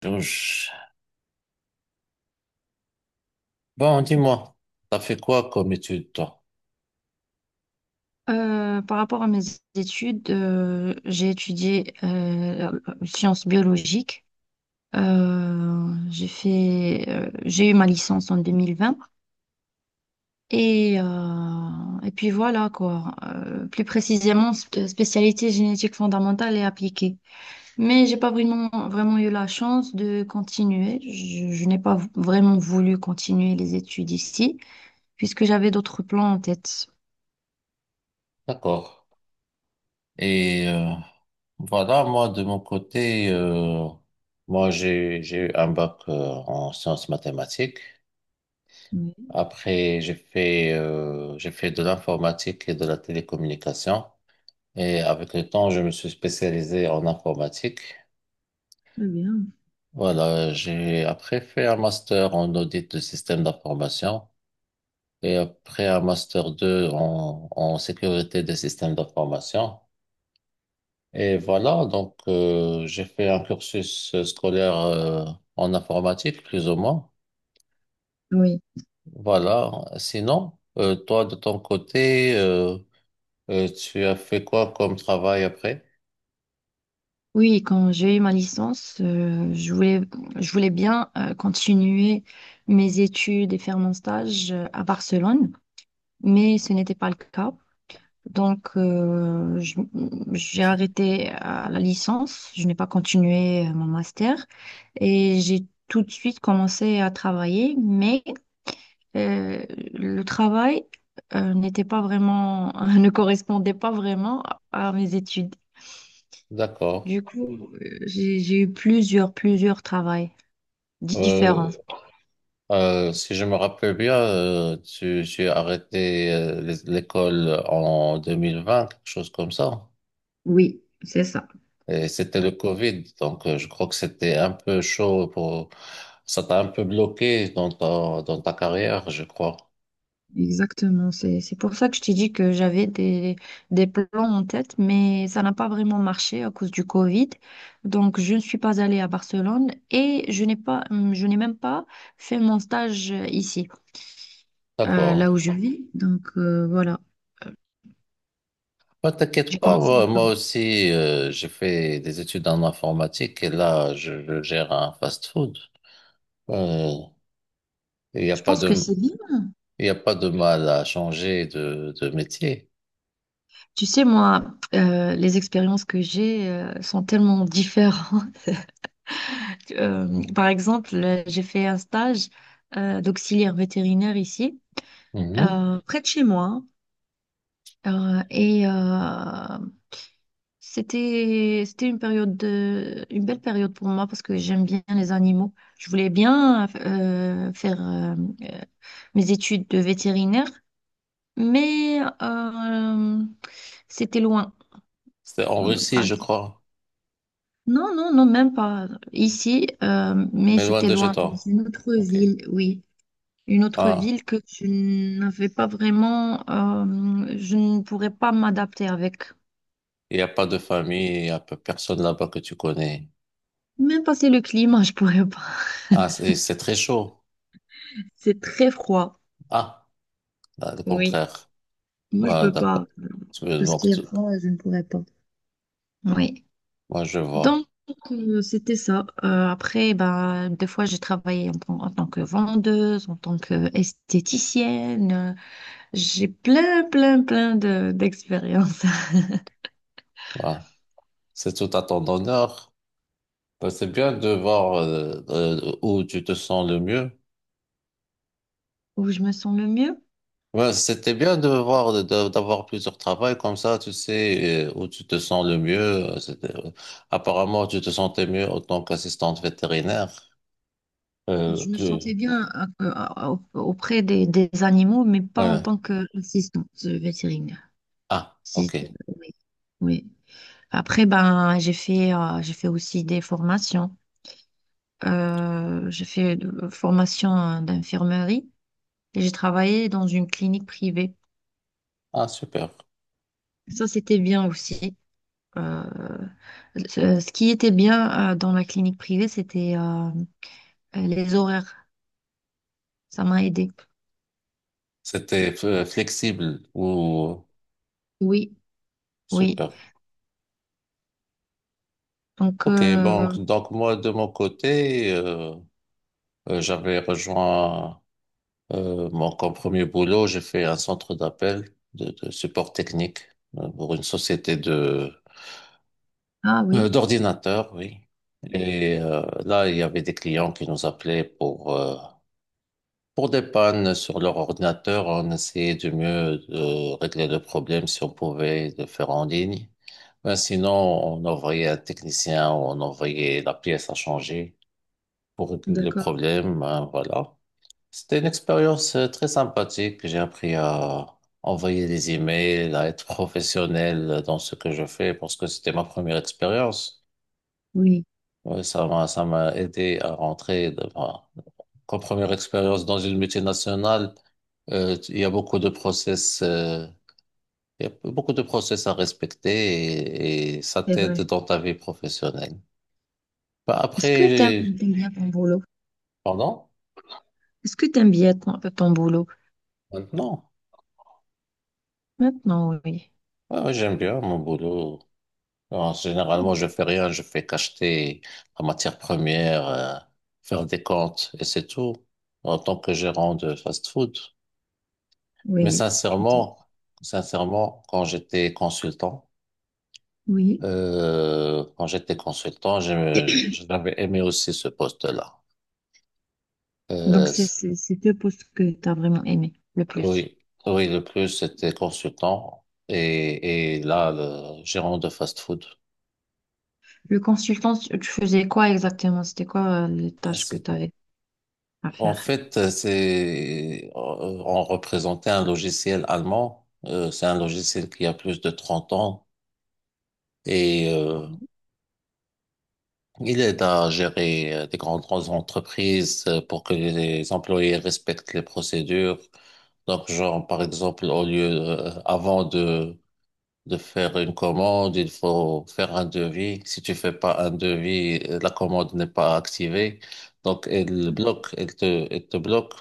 Georges. Bon, dis-moi, t'as fait quoi comme étude, toi? Par rapport à mes études, j'ai étudié sciences biologiques. J'ai fait, j'ai eu ma licence en 2020 et puis voilà quoi. Plus précisément, spécialité génétique fondamentale et appliquée. Mais j'ai pas vraiment vraiment eu la chance de continuer. Je n'ai pas vraiment voulu continuer les études ici puisque j'avais d'autres plans en tête. D'accord. Et euh, Voilà, moi, de mon côté, moi, j'ai eu un bac en sciences mathématiques. Oui, Après, j'ai fait de l'informatique et de la télécommunication. Et avec le temps, je me suis spécialisé en informatique. très bien. Voilà, j'ai après fait un master en audit de système d'information et après un master 2 en, en sécurité des systèmes d'information. Et voilà, donc j'ai fait un cursus scolaire en informatique, plus ou moins. Oui. Voilà. Sinon, toi, de ton côté, tu as fait quoi comme travail après? Oui, quand j'ai eu ma licence, je voulais bien continuer mes études et faire mon stage à Barcelone, mais ce n'était pas le cas. Donc, j'ai arrêté à la licence, je n'ai pas continué mon master et j'ai tout de suite commencé à travailler, mais euh, le travail n'était pas vraiment, ne correspondait pas vraiment à mes études. D'accord. Du coup, j'ai eu plusieurs travails différents. Euh, Si je me rappelle bien, tu as arrêté l'école en 2020, quelque chose comme ça. Oui, c'est ça. Et c'était le Covid, donc je crois que c'était un peu chaud pour... Ça t'a un peu bloqué dans dans ta carrière, je crois. Exactement. C'est pour ça que je t'ai dit que j'avais des plans en tête, mais ça n'a pas vraiment marché à cause du Covid. Donc, je ne suis pas allée à Barcelone et je n'ai pas, je n'ai même pas fait mon stage ici, D'accord. là où je vis. Donc, voilà. Euh, Bah, t'inquiète J'ai pas, commencé à moi, moi travailler. aussi, j'ai fait des études en informatique et là, je gère un fast-food. Euh, Il n'y a Je pas pense que de, c'est bien. il y a pas de mal à changer de métier. Tu sais, moi, les expériences que j'ai, sont tellement différentes. Par exemple, j'ai fait un stage d'auxiliaire vétérinaire ici, Mhm. Près de chez moi. Euh, et euh, c'était une une belle période pour moi parce que j'aime bien les animaux. Je voulais bien faire euh, mes études de vétérinaire, mais c'était loin. C'est en Russie, Par je exemple. crois, Non, non, non, même pas ici, mais mais loin c'était de chez loin dans toi. une autre Ok. ville, oui. Une autre Ah, ville que je n'avais pas vraiment, je ne pourrais pas m'adapter avec. il n'y a pas de famille, il n'y a personne là-bas que tu connais. Même passer le climat, je pourrais pas. Ah, c'est très chaud. C'est très froid. Ah, ah, le Oui. contraire. Moi, je Ah, peux pas. d'accord. Tu veux- Tout ce Donc, qui est tu- froid, je ne pourrais pas. Oui. moi, je vois. Donc, c'était ça. Après, bah, des fois, j'ai travaillé en tant que vendeuse, en tant qu'esthéticienne. J'ai plein, plein, plein d'expériences Ah, c'est tout à ton honneur. Bah, c'est bien de voir où tu te sens le mieux. où je me sens le mieux. Ouais, c'était bien de voir, d'avoir plusieurs travails comme ça, tu sais, où tu te sens le mieux. Apparemment, tu te sentais mieux en tant qu'assistante vétérinaire. Euh, Je me plus, sentais bien euh, auprès des animaux, mais pas en ouais. tant qu'assistante vétérinaire. Ah, Si- ok. oui. Oui. Après, ben, j'ai fait aussi des formations. Formation d'infirmerie et j'ai travaillé dans une clinique privée. Ah, super. Ça, c'était bien aussi. Euh, ce qui était bien dans la clinique privée, c'était les horaires. Ça m'a aidé. C'était flexible ou Oui, oui. super. Donc, Ok, donc moi, de mon côté, j'avais rejoint. Bon, comme premier boulot, j'ai fait un centre d'appel de support technique pour une société de ah oui. d'ordinateurs, oui. Et là, il y avait des clients qui nous appelaient pour des pannes sur leur ordinateur. On essayait du mieux de régler le problème si on pouvait le faire en ligne. Ben, sinon, on envoyait un technicien ou on envoyait la pièce à changer pour régler le D'accord, problème. Hein, voilà. C'était une expérience très sympathique. J'ai appris à envoyer des emails, à être professionnel dans ce que je fais parce que c'était ma première expérience. oui, Ouais, ça m'a aidé à rentrer dans ma- comme première expérience dans une multinationale. euh, il y a beaucoup de process, euh, il y a beaucoup de process à respecter et ça c'est t'aide vrai. dans ta vie professionnelle. Bah, Est-ce que t'aimes après, t'aimes bien ton boulot? pardon, Est-ce que t'aimes bien ton, ton boulot? maintenant, Maintenant, oui. ouais, ouais, j'aime bien mon boulot. Alors, généralement, je fais rien, je fais qu'acheter la matière première, faire des comptes et c'est tout en tant que gérant de fast-food. Mais Oui, je dis. sincèrement, sincèrement, quand j'étais consultant, Oui. J'avais aimé aussi ce poste-là. Donc, Euh, c'est c- c'est- c'est deux postes que t'as vraiment aimé le plus. oui, oui, le plus c'était consultant et là, le gérant de fast-food. Le consultant, tu faisais quoi exactement? C'était quoi les tâches que t'avais à En faire? fait, on représentait un logiciel allemand. C'est un logiciel qui a plus de 30 ans et il aide à gérer des grandes entreprises pour que les employés respectent les procédures. Donc, genre, par exemple, avant de faire une commande, il faut faire un devis. Si tu fais pas un devis, la commande n'est pas activée. Donc, elle bloque, elle te bloque.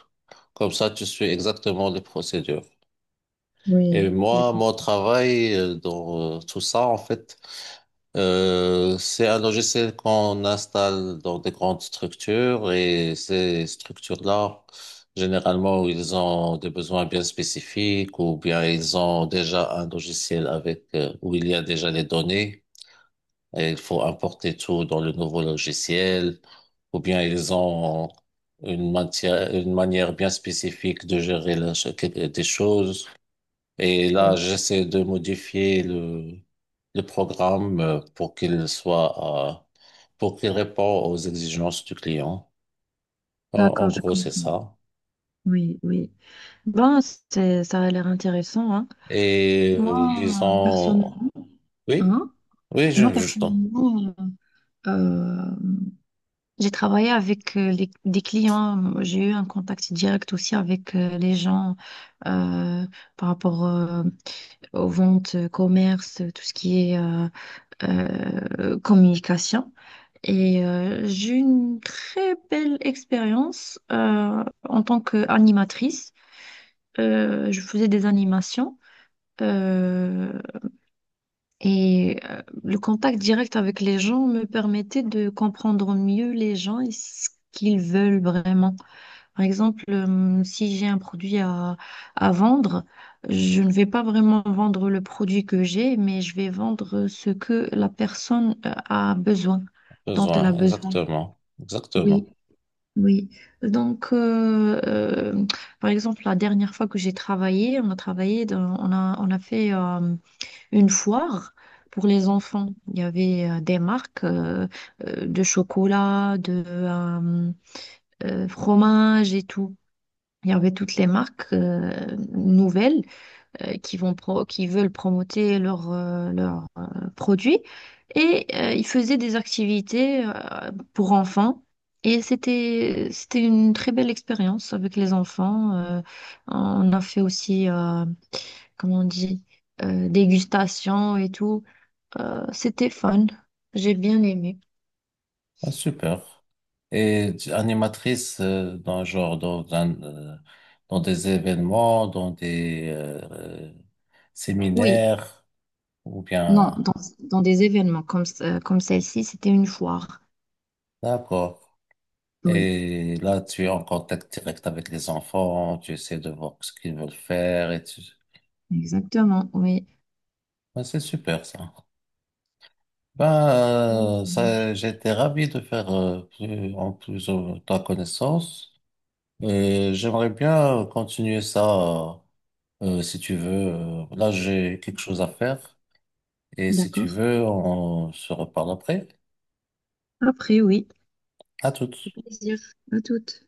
Comme ça, tu suis exactement les procédures. Et Oui, j'ai moi, mon compris. travail dans tout ça, en fait, c'est un logiciel qu'on installe dans des grandes structures et ces structures-là, généralement, ils ont des besoins bien spécifiques ou bien ils ont déjà un logiciel avec où il y a déjà les données et il faut importer tout dans le nouveau logiciel ou bien ils ont une manière bien spécifique de gérer des choses. Et là, Oui. j'essaie de modifier le programme pour qu'il réponde aux exigences du client. En D'accord, je gros, c'est comprends. ça. Oui, oui. Bon, ça a l'air intéressant, hein. Moi, Disons, personnellement, oui, hein? oui, Moi, je t'en personnellement, euh, j'ai travaillé avec des clients, j'ai eu un contact direct aussi avec les gens euh, par rapport aux ventes, commerce, tout ce qui est communication. Et j'ai eu une très belle expérience en tant qu'animatrice. Je faisais des animations euh, et le contact direct avec les gens me permettait de comprendre mieux les gens et ce qu'ils veulent vraiment. Par exemple, si j'ai un produit à vendre, je ne vais pas vraiment vendre le produit que j'ai, mais je vais vendre ce que la personne ai dont elle a besoin, besoin. exactement, Oui, exactement. oui. Donc, par exemple, la dernière fois que j'ai travaillé, on a fait une foire pour les enfants. Il y avait des marques de chocolat, de fromage et tout. Il y avait toutes les marques nouvelles qui veulent promoter leurs, produits et ils faisaient des activités pour enfants et c'était une très belle expérience avec les enfants. On a fait aussi comment on dit dégustation et tout. C'était fun. J'ai bien aimé. Ah, super. Animatrice dans genre dans un, dans des événements, dans des euh, Oui. séminaires ou Non, bien, dans, dans des événements comme celle-ci, c'était une foire. d'accord. Oui, Et là, tu es en contact direct avec les enfants, tu essaies de voir ce qu'ils veulent faire exactement, oui. ouais, c'est super ça. Oui, Ben, ça ça, marche. j'étais ravi de faire en plus ta connaissance. Et j'aimerais bien continuer ça si tu veux. Là, j'ai quelque chose à faire. Et si tu D'accord. veux, on se reparle après. Après, oui. À Au toutes. plaisir. À toutes.